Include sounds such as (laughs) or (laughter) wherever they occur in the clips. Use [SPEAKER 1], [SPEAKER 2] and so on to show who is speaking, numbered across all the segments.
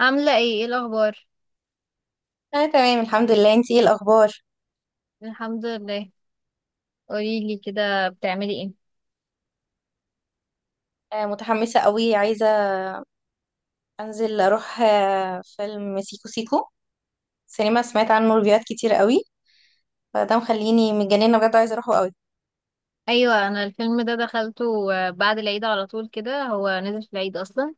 [SPEAKER 1] عاملة ايه ايه الأخبار؟
[SPEAKER 2] انا تمام، الحمد لله. انتي ايه الاخبار؟
[SPEAKER 1] الحمد لله. قوليلي كده بتعملي ايه؟
[SPEAKER 2] متحمسه قوي، عايزه انزل اروح فيلم سيكو سيكو سينما. سمعت عنه ريفيوهات كتير قوي، فده مخليني متجننه، بجد عايزه اروحه قوي.
[SPEAKER 1] أيوة، أنا الفيلم ده دخلته بعد العيد على طول، كده هو نزل في العيد أصلا.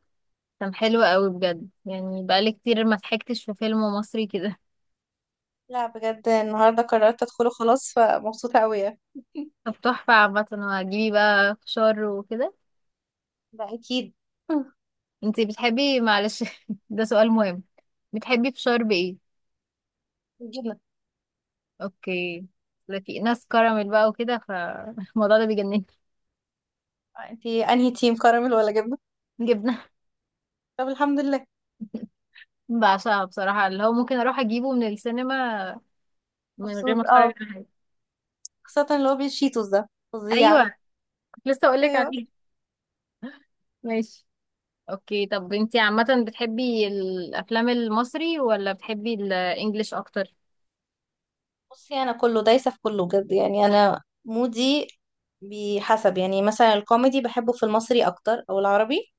[SPEAKER 1] كان حلو قوي بجد، يعني بقالي كتير ما ضحكتش في فيلم مصري كده.
[SPEAKER 2] لا بجد، النهارده قررت ادخله خلاص، فمبسوطه قوي يعني.
[SPEAKER 1] (laughs) طب تحفة. عامة وهتجيبي بقى فشار وكده؟
[SPEAKER 2] ده اكيد. (laughs)
[SPEAKER 1] انتي بتحبي، معلش (laughs) ده سؤال مهم، بتحبي فشار بإيه؟
[SPEAKER 2] جبنه.
[SPEAKER 1] اوكي. لا، في ناس كراميل بقى وكده، فالموضوع (laughs) ده بيجنني.
[SPEAKER 2] آه، انتي انهي تيم، كراميل ولا جبنه؟
[SPEAKER 1] جبنة.
[SPEAKER 2] طب، الحمد لله.
[SPEAKER 1] (laughs) بعشقها بصراحة، اللي هو ممكن أروح أجيبه من السينما من غير ما
[SPEAKER 2] مبسوط، اه.
[SPEAKER 1] اتفرج على حاجه.
[SPEAKER 2] خاصه اللي هو بالشيتوس ده فظيع.
[SPEAKER 1] ايوه، كنت لسه اقول لك
[SPEAKER 2] ايوه.
[SPEAKER 1] عليه. ماشي. اوكي، طب انتي عامه بتحبي الافلام المصري ولا بتحبي الانجليش اكتر؟
[SPEAKER 2] بصي، انا كله دايسه في كله بجد يعني، انا مودي. بحسب، يعني مثلا الكوميدي بحبه في المصري اكتر، او العربي.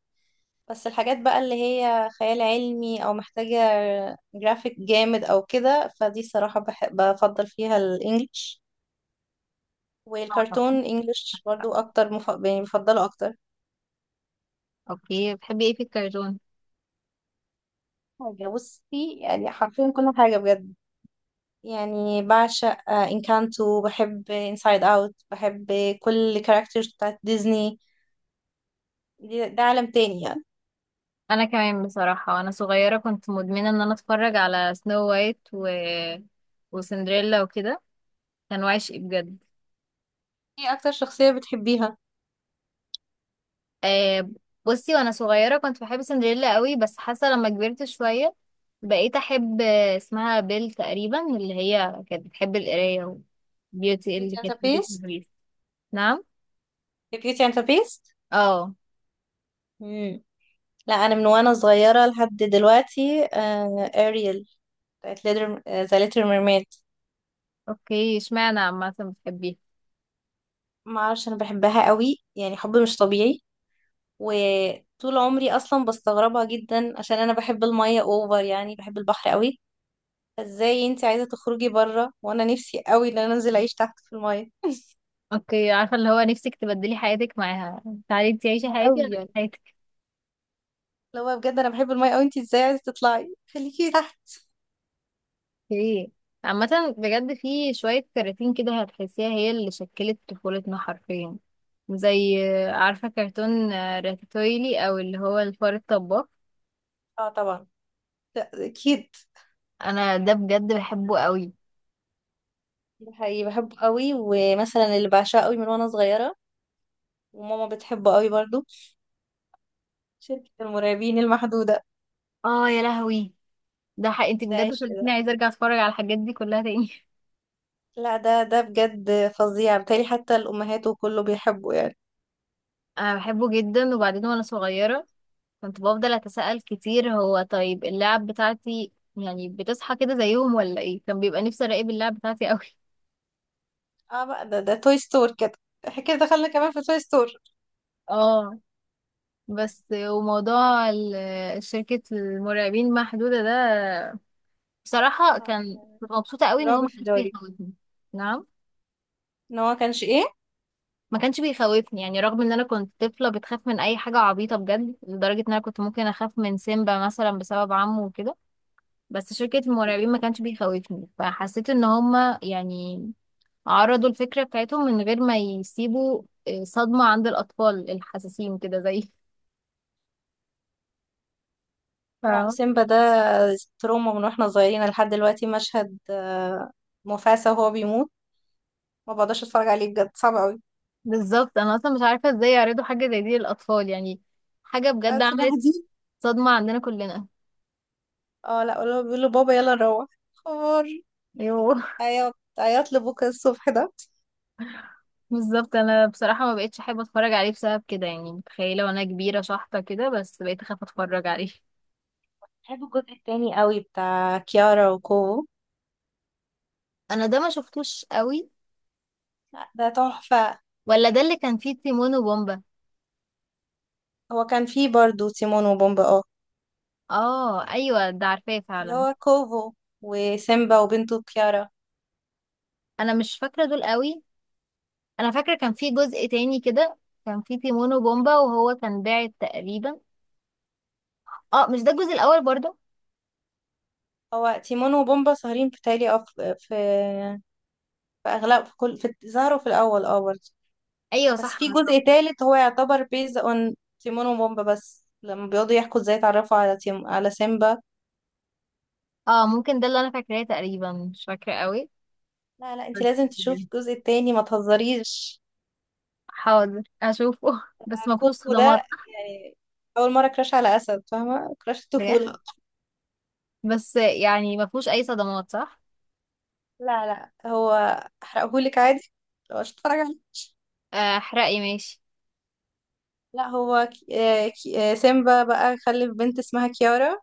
[SPEAKER 2] بس الحاجات بقى اللي هي خيال علمي او محتاجه جرافيك جامد او كده، فدي الصراحه بحب بفضل فيها الانجليش. والكرتون
[SPEAKER 1] آه.
[SPEAKER 2] انجليش برضو اكتر، يعني بفضله اكتر.
[SPEAKER 1] اوكي، بتحبي ايه في الكرتون؟
[SPEAKER 2] حاجه، بصي يعني حرفيا كل حاجه بجد. يعني بعشق انكانتو، بحب انسايد اوت، بحب كل الكاركترز بتاعت ديزني. ده عالم تاني يعني.
[SPEAKER 1] انا كمان بصراحه، وانا صغيره كنت مدمنه ان انا اتفرج على سنو وايت وسندريلا وكده. كان وعشق بجد.
[SPEAKER 2] ايه اكتر شخصية بتحبيها؟
[SPEAKER 1] آه بصي، وانا صغيره كنت بحب سندريلا قوي، بس حاسه لما كبرت شويه بقيت احب اسمها بيل تقريبا، اللي هي كانت بتحب القرايه. وبيوتي اللي
[SPEAKER 2] كيتي
[SPEAKER 1] كانت
[SPEAKER 2] انت
[SPEAKER 1] في بيت
[SPEAKER 2] بيست.
[SPEAKER 1] البريف. نعم.
[SPEAKER 2] كيتي انت بيست.
[SPEAKER 1] اه.
[SPEAKER 2] مم. لا، انا من وانا صغيرة لحد دلوقتي اريل، بتاعت ليدر، ذا ليتل ميرميد.
[SPEAKER 1] اوكي، اشمعنى عامه بتحبيها؟
[SPEAKER 2] ما اعرفش، انا بحبها قوي يعني، حب مش طبيعي. وطول عمري اصلا بستغربها جدا، عشان انا بحب المية اوفر، يعني بحب البحر قوي. ازاي انت عايزة تخرجي بره وانا نفسي قوي ان انا انزل اعيش تحت في المية؟
[SPEAKER 1] اوكي، عارفه اللي هو نفسك تبدلي حياتك معاها. تعالي انتي عيشي
[SPEAKER 2] ده
[SPEAKER 1] حياتي
[SPEAKER 2] قوي
[SPEAKER 1] وانا
[SPEAKER 2] يعني.
[SPEAKER 1] أعيش.
[SPEAKER 2] لو بجد انا بحب المية قوي، انت ازاي عايزة تطلعي؟ خليكي تحت.
[SPEAKER 1] ايه. عامة بجد في شوية كراتين كده هتحسيها هي اللي شكلت طفولتنا حرفيا. زي عارفة كرتون راتاتويلي، او اللي هو الفار الطباخ.
[SPEAKER 2] اه، طبعا. اكيد.
[SPEAKER 1] انا ده بجد بحبه قوي.
[SPEAKER 2] ده حقيقي بحبه قوي. ومثلا اللي بعشقه قوي من وانا صغيرة، وماما بتحبه قوي برضو، شركة المرعبين المحدودة.
[SPEAKER 1] اه يا لهوي، ده حق، انت
[SPEAKER 2] ده
[SPEAKER 1] بجد
[SPEAKER 2] عشق
[SPEAKER 1] خلتيني
[SPEAKER 2] ده.
[SPEAKER 1] عايزة ارجع اتفرج على الحاجات دي كلها تاني.
[SPEAKER 2] لا، ده بجد فظيع، بالتالي حتى الأمهات وكله بيحبه يعني.
[SPEAKER 1] (laughs) انا بحبه جدا. وبعدين وانا صغيرة كنت بفضل اتساءل كتير، هو طيب اللعب بتاعتي يعني بتصحى كده زيهم ولا ايه؟ كان بيبقى نفسي اراقب اللعب بتاعتي قوي.
[SPEAKER 2] اه بقى، ده توي ستور كده. احنا كده دخلنا كمان في توي ستور.
[SPEAKER 1] اه. بس وموضوع شركة المرعبين محدودة ده، بصراحة
[SPEAKER 2] آه،
[SPEAKER 1] كنت مبسوطة قوي ان هو
[SPEAKER 2] رعب
[SPEAKER 1] ما
[SPEAKER 2] في
[SPEAKER 1] كانش
[SPEAKER 2] الدواليب.
[SPEAKER 1] بيخوفني. نعم.
[SPEAKER 2] ان هو كانش ايه؟
[SPEAKER 1] ما كانش بيخوفني يعني، رغم ان انا كنت طفلة بتخاف من اي حاجة عبيطة بجد، لدرجة ان انا كنت ممكن اخاف من سيمبا مثلا بسبب عمه وكده. بس شركة المرعبين ما كانش بيخوفني، فحسيت ان هما يعني عرضوا الفكرة بتاعتهم من غير ما يسيبوا صدمة عند الأطفال الحساسين كده زي.
[SPEAKER 2] لا، سيمبا ده تروما من واحنا صغيرين لحد دلوقتي. مشهد مفاسة وهو بيموت، ما بقدرش اتفرج عليه بجد، صعب قوي.
[SPEAKER 1] بالظبط، انا اصلا مش عارفه ازاي يعرضوا حاجه زي دي للاطفال يعني. حاجه بجد
[SPEAKER 2] أسف.
[SPEAKER 1] عملت صدمه عندنا كلنا.
[SPEAKER 2] اه، لا ولا بيقولوا بابا يلا نروح حوار.
[SPEAKER 1] ايوه (laughs)
[SPEAKER 2] عياط عياط لبكره الصبح ده.
[SPEAKER 1] بالظبط، انا بصراحه ما بقتش احب اتفرج عليه بسبب كده، يعني متخيله وانا كبيره شحطه كده، بس بقيت اخاف اتفرج عليه (laughs)
[SPEAKER 2] بحب الجزء التاني قوي، بتاع كيارا وكوفو.
[SPEAKER 1] انا ده ما شفتوش قوي.
[SPEAKER 2] لا، ده تحفة.
[SPEAKER 1] ولا ده اللي كان فيه تيمون وبومبا؟
[SPEAKER 2] هو كان فيه برضو تيمون وبومبا، اه.
[SPEAKER 1] اه ايوه، ده عارفاه
[SPEAKER 2] اللي
[SPEAKER 1] فعلا.
[SPEAKER 2] هو كوفو وسيمبا وبنته كيارا.
[SPEAKER 1] انا مش فاكره دول قوي. انا فاكره كان فيه جزء تاني كده، كان فيه تيمون وبومبا وهو كان باعت تقريبا. اه، مش ده الجزء الاول برضه؟
[SPEAKER 2] هو تيمون وبومبا سهرين بتهيألي، اه، في أغلب، في ظهروا في الأول اه برضه.
[SPEAKER 1] ايوه
[SPEAKER 2] بس
[SPEAKER 1] صح.
[SPEAKER 2] في جزء تالت، هو يعتبر بيز اون تيمون وبومبا بس، لما بيقعدوا يحكوا ازاي اتعرفوا على سيمبا.
[SPEAKER 1] اه، ممكن ده اللي انا فاكراه تقريبا، مش فاكرة قوي.
[SPEAKER 2] لا، لا، انت
[SPEAKER 1] بس.
[SPEAKER 2] لازم تشوفي الجزء التاني، ما تهزريش.
[SPEAKER 1] حاضر اشوفه (laughs) بس ما فيهوش
[SPEAKER 2] كوكو ده
[SPEAKER 1] صدمات؟
[SPEAKER 2] يعني، اول مره كراش على اسد، فاهمه؟ كراش الطفوله.
[SPEAKER 1] بس يعني ما فيهوش اي صدمات صح؟
[SPEAKER 2] لا، لا، هو احرقهولك عادي لو مش هتتفرج عليه.
[SPEAKER 1] احرقي ماشي.
[SPEAKER 2] لا، هو سيمبا بقى خلف بنت اسمها كيارا،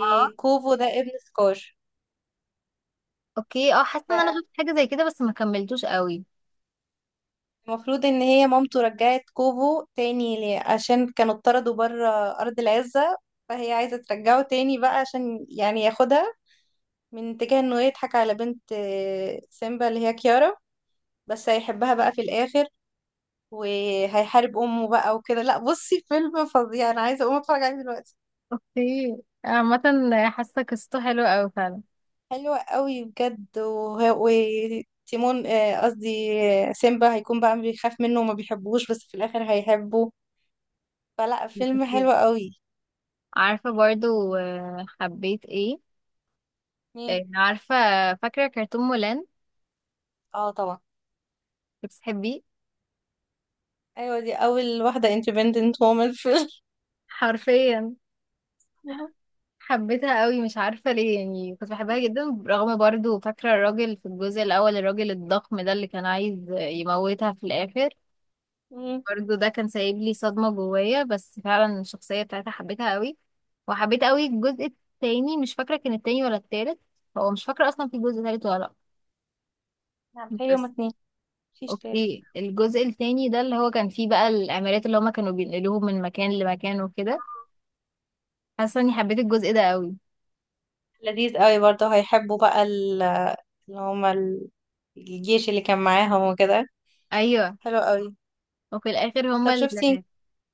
[SPEAKER 1] اه
[SPEAKER 2] ده ابن سكار.
[SPEAKER 1] اوكي، اه حاسه ان انا شفت حاجه زي كده بس ما كملتوش قوي.
[SPEAKER 2] فالمفروض ان هي مامته رجعت كوفو تاني ليه؟ عشان كانوا اتطردوا بره ارض العزة. فهي عايزة ترجعه تاني بقى عشان يعني ياخدها، من اتجاه انه يضحك على بنت سيمبا اللي هي كيارا. بس هيحبها بقى في الاخر، وهيحارب امه بقى وكده. لا بصي، فيلم فظيع، انا عايزه اقوم اتفرج عليه دلوقتي.
[SPEAKER 1] اوكي، عامه حاسه قصته حلوه قوي فعلا.
[SPEAKER 2] حلوة قوي بجد. وتيمون، قصدي سيمبا هيكون بقى بيخاف منه وما بيحبوش، بس في الاخر هيحبه. فلا، فيلم
[SPEAKER 1] أكيد.
[SPEAKER 2] حلو قوي.
[SPEAKER 1] عارفه برضو حبيت ايه؟
[SPEAKER 2] مين؟
[SPEAKER 1] عارفه فاكره كرتون مولان؟
[SPEAKER 2] اه، طبعا.
[SPEAKER 1] بتحبيه؟
[SPEAKER 2] ايوه، دي اول واحده independent woman في الفيلم.
[SPEAKER 1] حرفيا
[SPEAKER 2] (laughs)
[SPEAKER 1] حبيتها قوي، مش عارفة ليه يعني، كنت بحبها جدا، رغم برضو فاكرة الراجل في الجزء الأول، الراجل الضخم ده اللي كان عايز يموتها في الآخر.
[SPEAKER 2] مم.
[SPEAKER 1] برضو ده كان سايب لي صدمة جوايا، بس فعلا الشخصية بتاعتها حبيتها قوي. وحبيت قوي الجزء التاني، مش فاكرة كان التاني ولا التالت. هو مش فاكرة أصلا في جزء تالت ولا لأ.
[SPEAKER 2] نعم، بتهيألي هما
[SPEAKER 1] بس.
[SPEAKER 2] اتنين، مفيش تاني.
[SPEAKER 1] اوكي، الجزء التاني ده اللي هو كان فيه بقى الأمارات اللي هما كانوا بينقلوهم من مكان لمكان وكده. حاسة اني حبيت الجزء ده قوي.
[SPEAKER 2] لذيذ قوي برضه، هيحبوا بقى اللي هما ال- الجيش اللي كان معاهم وكده.
[SPEAKER 1] أيوه.
[SPEAKER 2] حلو قوي.
[SPEAKER 1] وفي الآخر هما
[SPEAKER 2] طب شفتي؟
[SPEAKER 1] اللي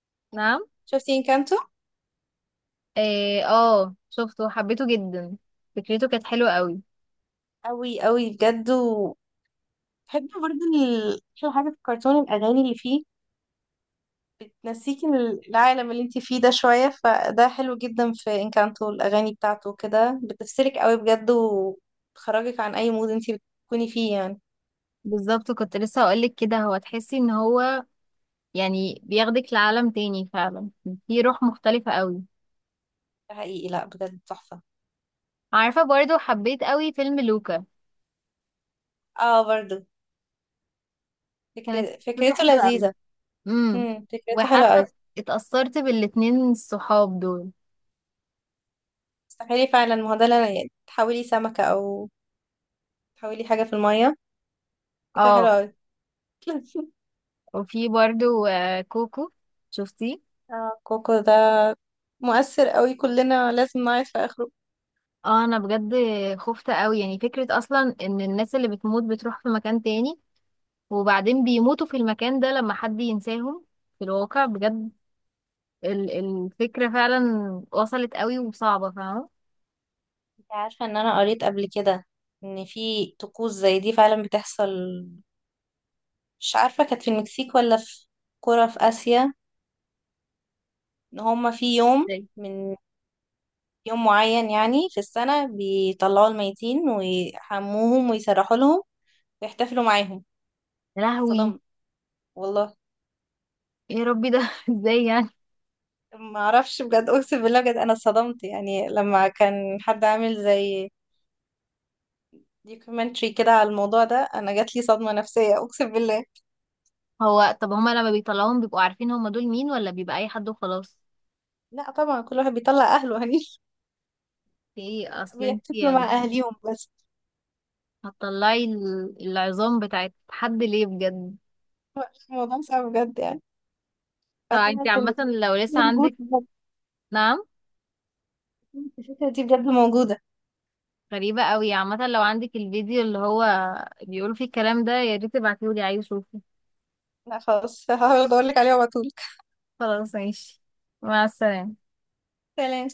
[SPEAKER 1] (laughs) نعم.
[SPEAKER 2] شفتي انكانتو؟
[SPEAKER 1] إيه، اه شفته وحبيته جدا. فكرته كانت حلوة قوي.
[SPEAKER 2] أوي أوي بجد. وبحب برضه أحلى حاجة في الكرتون، الأغاني اللي فيه تنسيكي من العالم اللي انتي فيه ده شوية، فده حلو جدا. في انكانتو الأغاني بتاعته كده بتفصلك أوي بجد، وبتخرجك عن أي مود انتي بتكوني فيه يعني.
[SPEAKER 1] بالظبط كنت لسه هقولك كده، هو تحسي ان هو يعني بياخدك لعالم تاني فعلا. في روح مختلفة قوي.
[SPEAKER 2] ده حقيقي، لأ بجد تحفة.
[SPEAKER 1] عارفة برضو حبيت قوي فيلم لوكا.
[SPEAKER 2] اه برضه،
[SPEAKER 1] كانت قصته
[SPEAKER 2] فكرته
[SPEAKER 1] حلوة قوي.
[SPEAKER 2] لذيذة.
[SPEAKER 1] امم.
[SPEAKER 2] فكرته حلوة أوي.
[SPEAKER 1] وحاسة اتأثرت بالاتنين الصحاب دول.
[SPEAKER 2] تخيلي فعلا، ما هو ده يعني تحولي سمكة، أو تحولي حاجة في المية، فكرة
[SPEAKER 1] اه.
[SPEAKER 2] حلوة أوي. (laughs)
[SPEAKER 1] وفي برضو كوكو. شفتيه؟
[SPEAKER 2] اه، كوكو ده مؤثر أوي، كلنا لازم نعرف في آخره.
[SPEAKER 1] اه. انا بجد خفت قوي، يعني فكرة اصلا ان الناس اللي بتموت بتروح في مكان تاني، وبعدين بيموتوا في المكان ده لما حد ينساهم. في الواقع بجد الفكرة فعلا وصلت قوي وصعبة فاهمة.
[SPEAKER 2] انت عارفة ان انا قريت قبل كده، ان في طقوس زي دي فعلا بتحصل؟ مش عارفة، كانت في المكسيك ولا في قرى في آسيا، ان هما في يوم
[SPEAKER 1] ازاي؟
[SPEAKER 2] من يوم معين يعني في السنة بيطلعوا الميتين ويحموهم ويسرحوا لهم ويحتفلوا معاهم.
[SPEAKER 1] يا لهوي.
[SPEAKER 2] صدمت والله.
[SPEAKER 1] ايه يا ربي ده (laughs) ازاي يعني؟
[SPEAKER 2] ما اعرفش بجد، اقسم بالله، بجد انا صدمت. يعني لما كان حد عامل زي دوكيومنتري كده على الموضوع ده، انا جات لي صدمة نفسية، اقسم بالله.
[SPEAKER 1] هو طب هما لما بيطلعوهم بيبقوا عارفين هما دول مين ولا بيبقى اي حد وخلاص؟
[SPEAKER 2] لا طبعا، كل واحد بيطلع اهله هني،
[SPEAKER 1] ايه اصل انت
[SPEAKER 2] بيحتفلوا مع
[SPEAKER 1] يعني
[SPEAKER 2] أهليهم بس.
[SPEAKER 1] هتطلعي العظام بتاعت حد ليه بجد؟
[SPEAKER 2] الموضوع صعب بجد يعني.
[SPEAKER 1] طب انت
[SPEAKER 2] فكانت
[SPEAKER 1] عامة لو لسه
[SPEAKER 2] موجودة
[SPEAKER 1] عندك.
[SPEAKER 2] بجد.
[SPEAKER 1] نعم.
[SPEAKER 2] الفكرة دي بجد موجودة.
[SPEAKER 1] غريبة قوي. عامة لو عندك الفيديو اللي هو بيقول فيه الكلام ده، يا ريت تبعتيهولي، عايز اشوفه.
[SPEAKER 2] لا خلاص، (laughs) هحاول أدورلك عليها وأبعتهولك.
[SPEAKER 1] خلاص ماشي. مع السلامة.
[SPEAKER 2] سلام.